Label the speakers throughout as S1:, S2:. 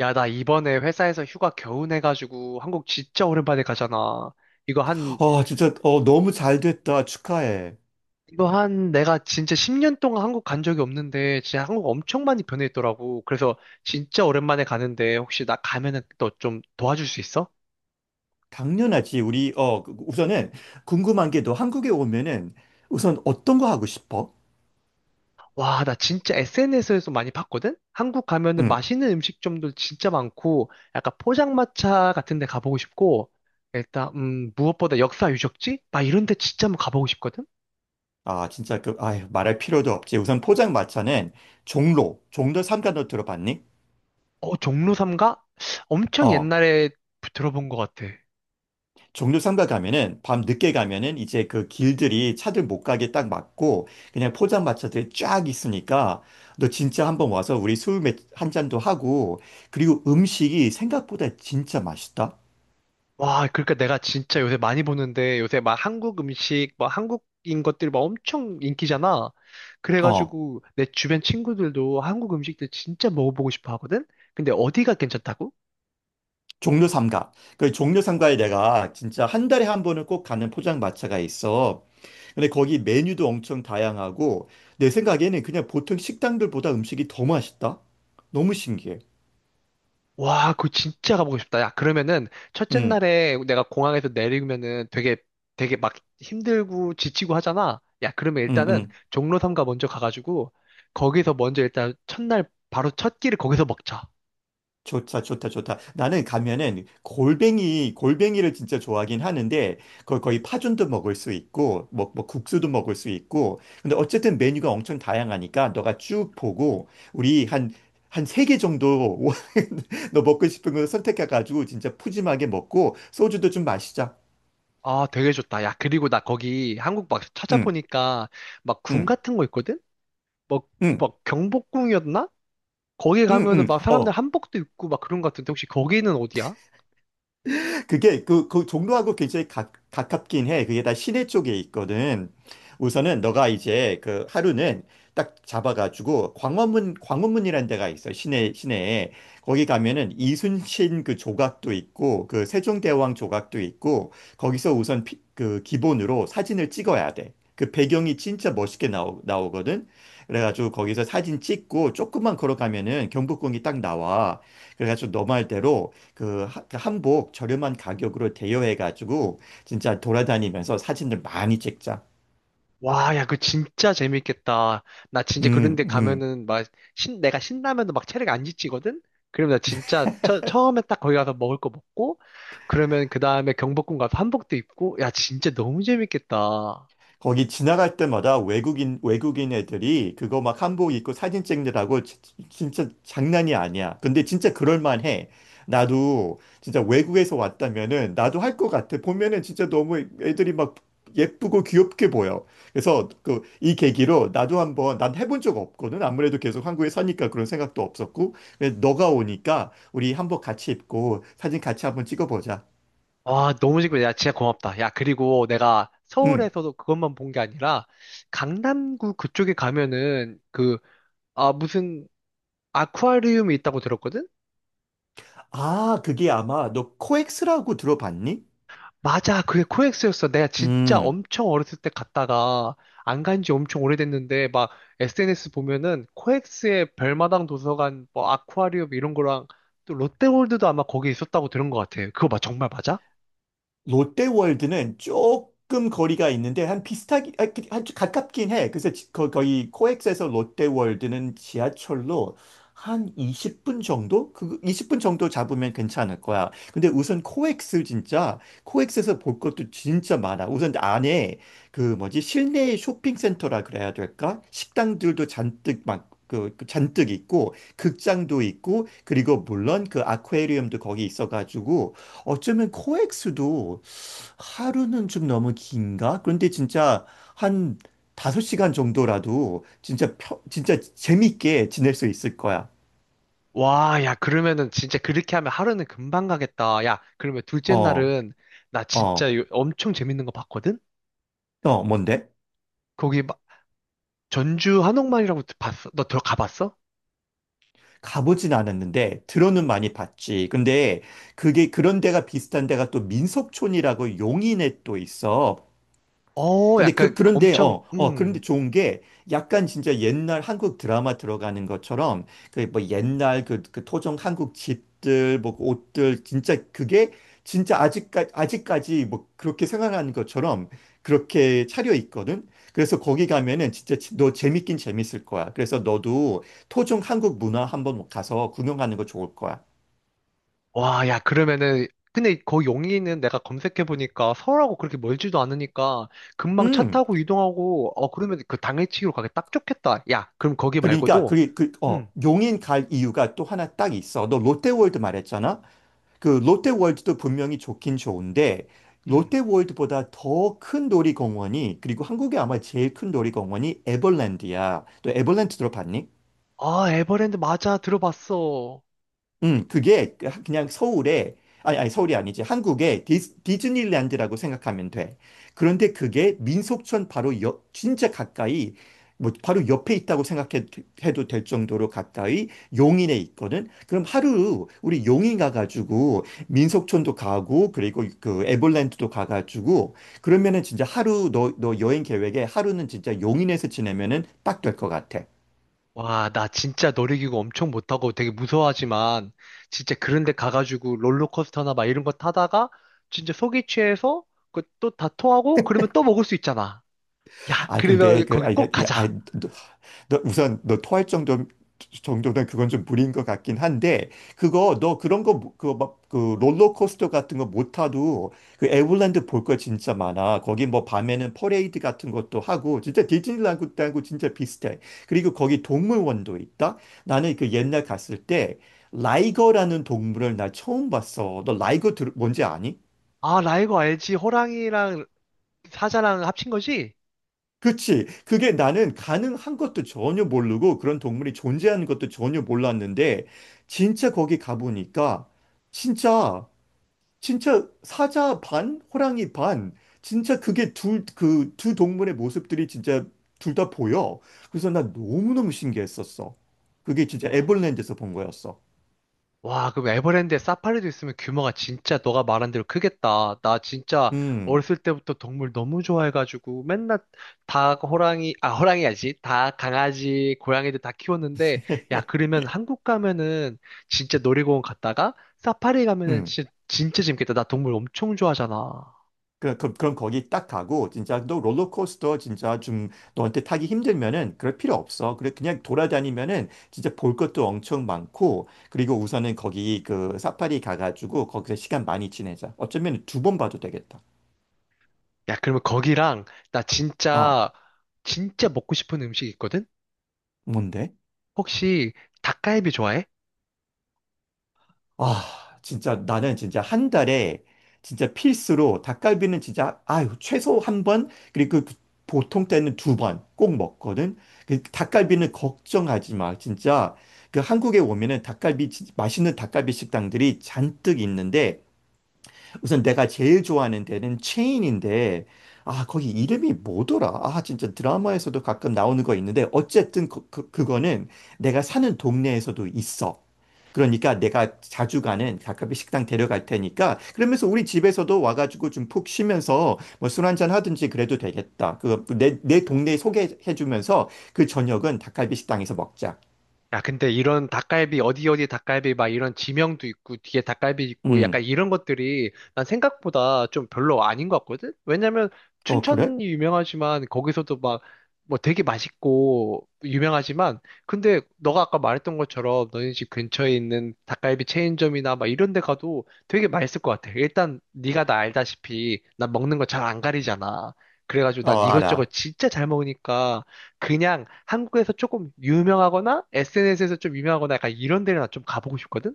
S1: 야, 나 이번에 회사에서 휴가 겨우 내가지고 한국 진짜 오랜만에 가잖아. 이거 한,
S2: 아, 진짜, 너무 잘 됐다. 축하해.
S1: 이거 한 내가 진짜 10년 동안 한국 간 적이 없는데 진짜 한국 엄청 많이 변했더라고. 그래서 진짜 오랜만에 가는데 혹시 나 가면은 너 좀 도와줄 수 있어?
S2: 당연하지. 우리, 우선은 궁금한 게 너 한국에 오면은 우선 어떤 거 하고 싶어?
S1: 와, 나 진짜 SNS에서 많이 봤거든? 한국 가면은
S2: 응.
S1: 맛있는 음식점도 진짜 많고 약간 포장마차 같은 데 가보고 싶고 일단, 무엇보다 역사 유적지? 막 이런 데 진짜 한번 가보고 싶거든?
S2: 아, 진짜 그, 아 말할 필요도 없지. 우선 포장마차는 종로 삼가 너 들어봤니?
S1: 어, 종로 삼가 엄청
S2: 어,
S1: 옛날에 들어본 것 같아.
S2: 종로 삼가 가면은 밤 늦게 가면은 이제 그 길들이 차들 못 가게 딱 막고 그냥 포장마차들이 쫙 있으니까 너 진짜 한번 와서 우리 술 한 잔도 하고, 그리고 음식이 생각보다 진짜 맛있다.
S1: 와, 그러니까 내가 진짜 요새 많이 보는데 요새 막 한국 음식, 막 한국인 것들 막 엄청 인기잖아.
S2: 어.
S1: 그래가지고 내 주변 친구들도 한국 음식들 진짜 먹어보고 싶어 하거든? 근데 어디가 괜찮다고?
S2: 종묘 삼가. 그 종묘 삼가에 내가 진짜 한 달에 한 번은 꼭 가는 포장마차가 있어. 근데 거기 메뉴도 엄청 다양하고, 내 생각에는 그냥 보통 식당들보다 음식이 더 맛있다. 너무 신기해.
S1: 와, 그거 진짜 가보고 싶다. 야, 그러면은 첫째
S2: 응,
S1: 날에 내가 공항에서 내리면은 되게 되게 막 힘들고 지치고 하잖아. 야, 그러면
S2: 응,
S1: 일단은
S2: 응.
S1: 종로 삼가 먼저 가가지고 거기서 먼저 일단 첫날 바로 첫 끼를 거기서 먹자.
S2: 좋다, 좋다, 좋다. 나는 가면은 골뱅이를 진짜 좋아하긴 하는데, 거의 파전도 먹을 수 있고, 뭐 국수도 먹을 수 있고. 근데 어쨌든 메뉴가 엄청 다양하니까 너가 쭉 보고 우리 한 세 개 정도 너 먹고 싶은 거 선택해가지고 진짜 푸짐하게 먹고 소주도 좀 마시자.
S1: 아, 되게 좋다. 야, 그리고 나 거기 한국 막
S2: 응,
S1: 찾아보니까 막 궁
S2: 응,
S1: 같은 거 있거든? 뭐
S2: 응,
S1: 막 경복궁이었나? 거기
S2: 응,
S1: 가면은
S2: 응.
S1: 막 사람들
S2: 어.
S1: 한복도 입고 막 그런 거 같은데 혹시 거기는 어디야?
S2: 그게 그 종로하고 굉장히 가깝긴 해. 그게 다 시내 쪽에 있거든. 우선은 너가 이제 그 하루는 딱 잡아가지고 광화문이라는 데가 있어. 시내에 거기 가면은 이순신 그 조각도 있고 그 세종대왕 조각도 있고, 거기서 우선 그 기본으로 사진을 찍어야 돼. 그 배경이 진짜 멋있게 나오거든. 그래가지고 거기서 사진 찍고 조금만 걸어가면은 경복궁이 딱 나와. 그래가지고 너 말대로 그 한복 저렴한 가격으로 대여해 가지고 진짜 돌아다니면서 사진을 많이 찍자.
S1: 와, 야, 그 진짜 재밌겠다. 나 진짜
S2: 음,
S1: 그런데
S2: 음.
S1: 가면은 막 내가 신라면도 막 체력 안 지치거든? 그러면 나 진짜 처음에 딱 거기 가서 먹을 거 먹고, 그러면 그 다음에 경복궁 가서 한복도 입고, 야, 진짜 너무 재밌겠다.
S2: 거기 지나갈 때마다 외국인 애들이 그거 막 한복 입고 사진 찍느라고 진짜 장난이 아니야. 근데 진짜 그럴만해. 나도 진짜 외국에서 왔다면은 나도 할 것 같아. 보면은 진짜 너무 애들이 막 예쁘고 귀엽게 보여. 그래서 그, 이 계기로 나도 한번 난 해본 적 없거든. 아무래도 계속 한국에 사니까 그런 생각도 없었고. 근데 너가 오니까 우리 한복 같이 입고 사진 같이 한번 찍어보자.
S1: 와, 너무 재밌겠 야, 진짜 고맙다. 야, 그리고 내가
S2: 응.
S1: 서울에서도 그것만 본 게 아니라, 강남구 그쪽에 가면은 그, 아, 무슨 아쿠아리움이 있다고 들었거든?
S2: 아, 그게 아마 너 코엑스라고 들어봤니?
S1: 맞아, 그게 코엑스였어. 내가 진짜
S2: 음,
S1: 엄청 어렸을 때 갔다가 안 간지 엄청 오래됐는데 막 SNS 보면은 코엑스의 별마당 도서관, 뭐 아쿠아리움 이런 거랑 또 롯데월드도 아마 거기 있었다고 들은 것 같아. 그거 막 정말 맞아?
S2: 롯데월드는 조금 거리가 있는데 한 비슷하게 아주 가깝긴 해. 그래서 거, 거의 코엑스에서 롯데월드는 지하철로 한 20분 정도? 그 20분 정도 잡으면 괜찮을 거야. 근데 우선 코엑스 진짜 코엑스에서 볼 것도 진짜 많아. 우선 안에 그 뭐지, 실내 쇼핑센터라 그래야 될까? 식당들도 잔뜩 막 그 잔뜩 있고 극장도 있고, 그리고 물론 그 아쿠아리움도 거기 있어가지고 어쩌면 코엑스도 하루는 좀 너무 긴가? 그런데 진짜 한 5시간 정도라도 진짜 진짜 재밌게 지낼 수 있을 거야.
S1: 와, 야, 그러면은 진짜 그렇게 하면 하루는 금방 가겠다. 야, 그러면 둘째
S2: 어,
S1: 날은 나 진짜
S2: 어,
S1: 엄청 재밌는 거 봤거든?
S2: 어, 뭔데?
S1: 거기 막 전주 한옥마을이라고 봤어? 너 들어가봤어?
S2: 가보진 않았는데 들어는 많이 봤지. 근데 그게 그런 데가 비슷한 데가 또 민속촌이라고 용인에 또 있어.
S1: 어,
S2: 근데
S1: 약간 엄청,
S2: 그런데 좋은 게 약간 진짜 옛날 한국 드라마 들어가는 것처럼 그 뭐 옛날 그 토종 한국 집들, 뭐그 옷들, 진짜 그게 진짜 아직까지 뭐 그렇게 생활하는 것처럼 그렇게 차려 있거든. 그래서 거기 가면은 진짜 너 재밌긴 재밌을 거야. 그래서 너도 토종 한국 문화 한번 가서 구경하는 거 좋을 거야.
S1: 와, 야, 그러면은, 근데 거 용인은 내가 검색해보니까 서울하고 그렇게 멀지도 않으니까 금방 차
S2: 음.
S1: 타고 이동하고, 어, 그러면 그 당일치기로 가기 딱 좋겠다. 야, 그럼 거기
S2: 그러니까
S1: 말고도, 음,
S2: 용인 갈 이유가 또 하나 딱 있어. 너 롯데월드 말했잖아. 그 롯데월드도 분명히 좋긴 좋은데,
S1: 음.
S2: 롯데월드보다 더 큰 놀이공원이, 그리고 한국에 아마 제일 큰 놀이공원이 에버랜드야. 또 에버랜드 들어봤니?
S1: 아, 에버랜드 맞아. 들어봤어.
S2: 그게 그냥 서울에, 아니, 아니, 서울이 아니지. 한국의 디즈니랜드라고 생각하면 돼. 그런데 그게 민속촌 바로 옆, 진짜 가까이, 뭐, 바로 옆에 있다고 생각해도 될 정도로 가까이 용인에 있거든. 그럼 하루 우리 용인 가가지고 민속촌도 가고, 그리고 그 에버랜드도 가가지고, 그러면은 진짜 하루 너 여행 계획에 하루는 진짜 용인에서 지내면은 딱 될 것 같아.
S1: 와, 나 진짜 놀이기구 엄청 못하고 되게 무서워하지만, 진짜 그런 데 가가지고 롤러코스터나 막 이런 거 타다가, 진짜 속이 취해서 그또다 토하고, 그러면 또 먹을 수 있잖아. 야,
S2: 아, 근데,
S1: 그러면
S2: 그,
S1: 거기
S2: 아니,
S1: 꼭
S2: 야,
S1: 가자.
S2: 아니, 너 우선 정도는 그건 좀 무리인 것 같긴 한데, 그거, 너 그런 거, 그, 막, 그, 롤러코스터 같은 거 못 타도, 그, 에버랜드 볼 거 진짜 많아. 거기 뭐, 밤에는 퍼레이드 같은 것도 하고, 진짜 디즈니랜드하고 진짜 비슷해. 그리고 거기 동물원도 있다? 나는 그 옛날 갔을 때, 라이거라는 동물을 나 처음 봤어. 너 라이거 뭔지 아니?
S1: 아, 나 이거 알지. 호랑이랑 사자랑 합친 거지?
S2: 그치. 그게 나는 가능한 것도 전혀 모르고 그런 동물이 존재하는 것도 전혀 몰랐는데 진짜 거기 가보니까 진짜, 진짜 사자 반, 호랑이 반, 진짜 그게 둘 그 두 동물의 모습들이 진짜 둘 다 보여. 그래서 나 너무너무 신기했었어. 그게 진짜
S1: 와,
S2: 에버랜드에서 본 거였어.
S1: 와, 그럼 에버랜드에 사파리도 있으면 규모가 진짜 너가 말한 대로 크겠다. 나 진짜
S2: 음.
S1: 어렸을 때부터 동물 너무 좋아해가지고 맨날 닭, 호랑이, 아, 호랑이야지. 닭, 강아지, 고양이들 다 키웠는데, 야, 그러면 한국 가면은 진짜 놀이공원 갔다가 사파리 가면은
S2: 음.
S1: 진짜, 진짜 재밌겠다. 나 동물 엄청 좋아하잖아.
S2: 그럼 거기 딱 가고 진짜 너 롤러코스터 진짜 좀 너한테 타기 힘들면은 그럴 필요 없어. 그래 그냥 돌아다니면은 진짜 볼 것도 엄청 많고, 그리고 우선은 거기 그 사파리 가가지고 거기서 시간 많이 지내자. 어쩌면 2번 봐도 되겠다.
S1: 야, 그러면 거기랑 나
S2: 어,
S1: 진짜, 진짜 먹고 싶은 음식 있거든?
S2: 뭔데?
S1: 혹시 닭갈비 좋아해?
S2: 아, 진짜 나는 진짜 한 달에 진짜 필수로 닭갈비는 진짜 아유, 최소 1번, 그리고 그 보통 때는 2번 꼭 먹거든. 그 닭갈비는 걱정하지 마. 진짜 그 한국에 오면은 닭갈비 맛있는 닭갈비 식당들이 잔뜩 있는데, 우선 내가 제일 좋아하는 데는 체인인데, 아, 거기 이름이 뭐더라? 아, 진짜 드라마에서도 가끔 나오는 거 있는데, 어쨌든 그거는 내가 사는 동네에서도 있어. 그러니까 내가 자주 가는 가카비 식당 데려갈 테니까, 그러면서 우리 집에서도 와가지고 좀 푹 쉬면서 뭐 술 한잔 하든지 그래도 되겠다. 내 동네 소개해주면서 그 저녁은 닭갈비 식당에서 먹자.
S1: 야, 근데 이런 닭갈비, 어디 어디 닭갈비, 막 이런 지명도 있고, 뒤에 닭갈비 있고, 약간
S2: 음,
S1: 이런 것들이 난 생각보다 좀 별로 아닌 것 같거든? 왜냐면
S2: 어, 그래?
S1: 춘천이 유명하지만, 거기서도 막, 뭐 되게 맛있고, 유명하지만, 근데 너가 아까 말했던 것처럼 너네 집 근처에 있는 닭갈비 체인점이나 막 이런 데 가도 되게 맛있을 것 같아. 일단, 네가 나 알다시피, 난 먹는 거 잘 안 가리잖아. 그래가지고 난
S2: 어,
S1: 이것저것
S2: 알아.
S1: 진짜 잘 먹으니까, 그냥 한국에서 조금 유명하거나 SNS에서 좀 유명하거나 약간 이런 데를 나 좀 가보고 싶거든?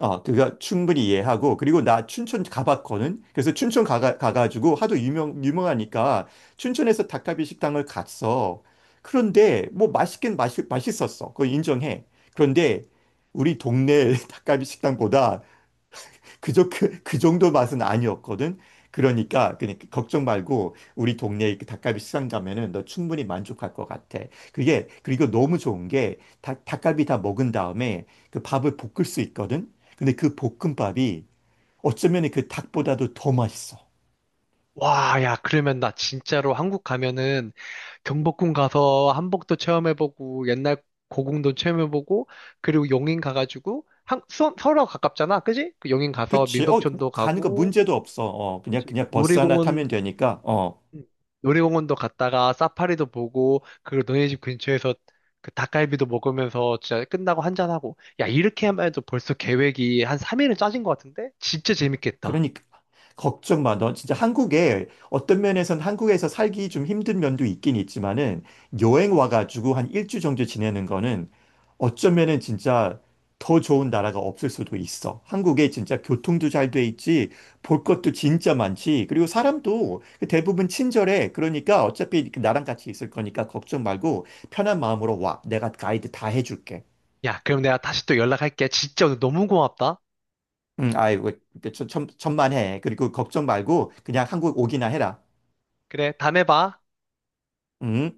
S2: 어, 그거 충분히 이해하고, 그리고 나 춘천 가봤거든? 그래서 춘천 가가지고 하도 유명하니까 춘천에서 닭갈비 식당을 갔어. 그런데 뭐 맛있긴 맛있었어. 그거 인정해. 그런데 우리 동네 닭갈비 식당보다 그저 그 정도 맛은 아니었거든. 그러니까 걱정 말고 우리 동네 그 닭갈비 시장 가면은 너 충분히 만족할 것 같아. 그게, 그리고 너무 좋은 게 닭갈비 다 먹은 다음에 그 밥을 볶을 수 있거든. 근데 그 볶음밥이 어쩌면 그 닭보다도 더 맛있어.
S1: 와, 야, 그러면 나 진짜로 한국 가면은 경복궁 가서 한복도 체험해보고 옛날 고궁도 체험해보고 그리고 용인 가가지고 서울하고 가깝잖아, 그지? 그 용인 가서
S2: 그치? 어,
S1: 민속촌도
S2: 가는 거
S1: 가고,
S2: 문제도 없어. 어, 그냥
S1: 그지?
S2: 그냥 버스 하나 타면
S1: 놀이공원
S2: 되니까. 어.
S1: 음. 놀이공원도 갔다가 사파리도 보고 그리고 너네 집 근처에서 그 닭갈비도 먹으면서 진짜 끝나고 한잔하고 야 이렇게 하면 해도 벌써 계획이 한 3일은 짜진 것 같은데? 진짜 재밌겠다.
S2: 그러니까 걱정 마. 너 진짜 한국에 어떤 면에선 한국에서 살기 좀 힘든 면도 있긴 있지만은 여행 와가지고 한 일주 정도 지내는 거는 어쩌면은 진짜 더 좋은 나라가 없을 수도 있어. 한국에 진짜 교통도 잘 돼 있지, 볼 것도 진짜 많지. 그리고 사람도 그 대부분 친절해. 그러니까 어차피 나랑 같이 있을 거니까 걱정 말고 편한 마음으로 와. 내가 가이드 다 해줄게.
S1: 야 그럼 내가 다시 또 연락할게. 진짜 오늘 너무 고맙다.
S2: 응, 아이고, 천만해. 그리고 걱정 말고 그냥 한국 오기나 해라.
S1: 그래 다음에 봐.
S2: 응?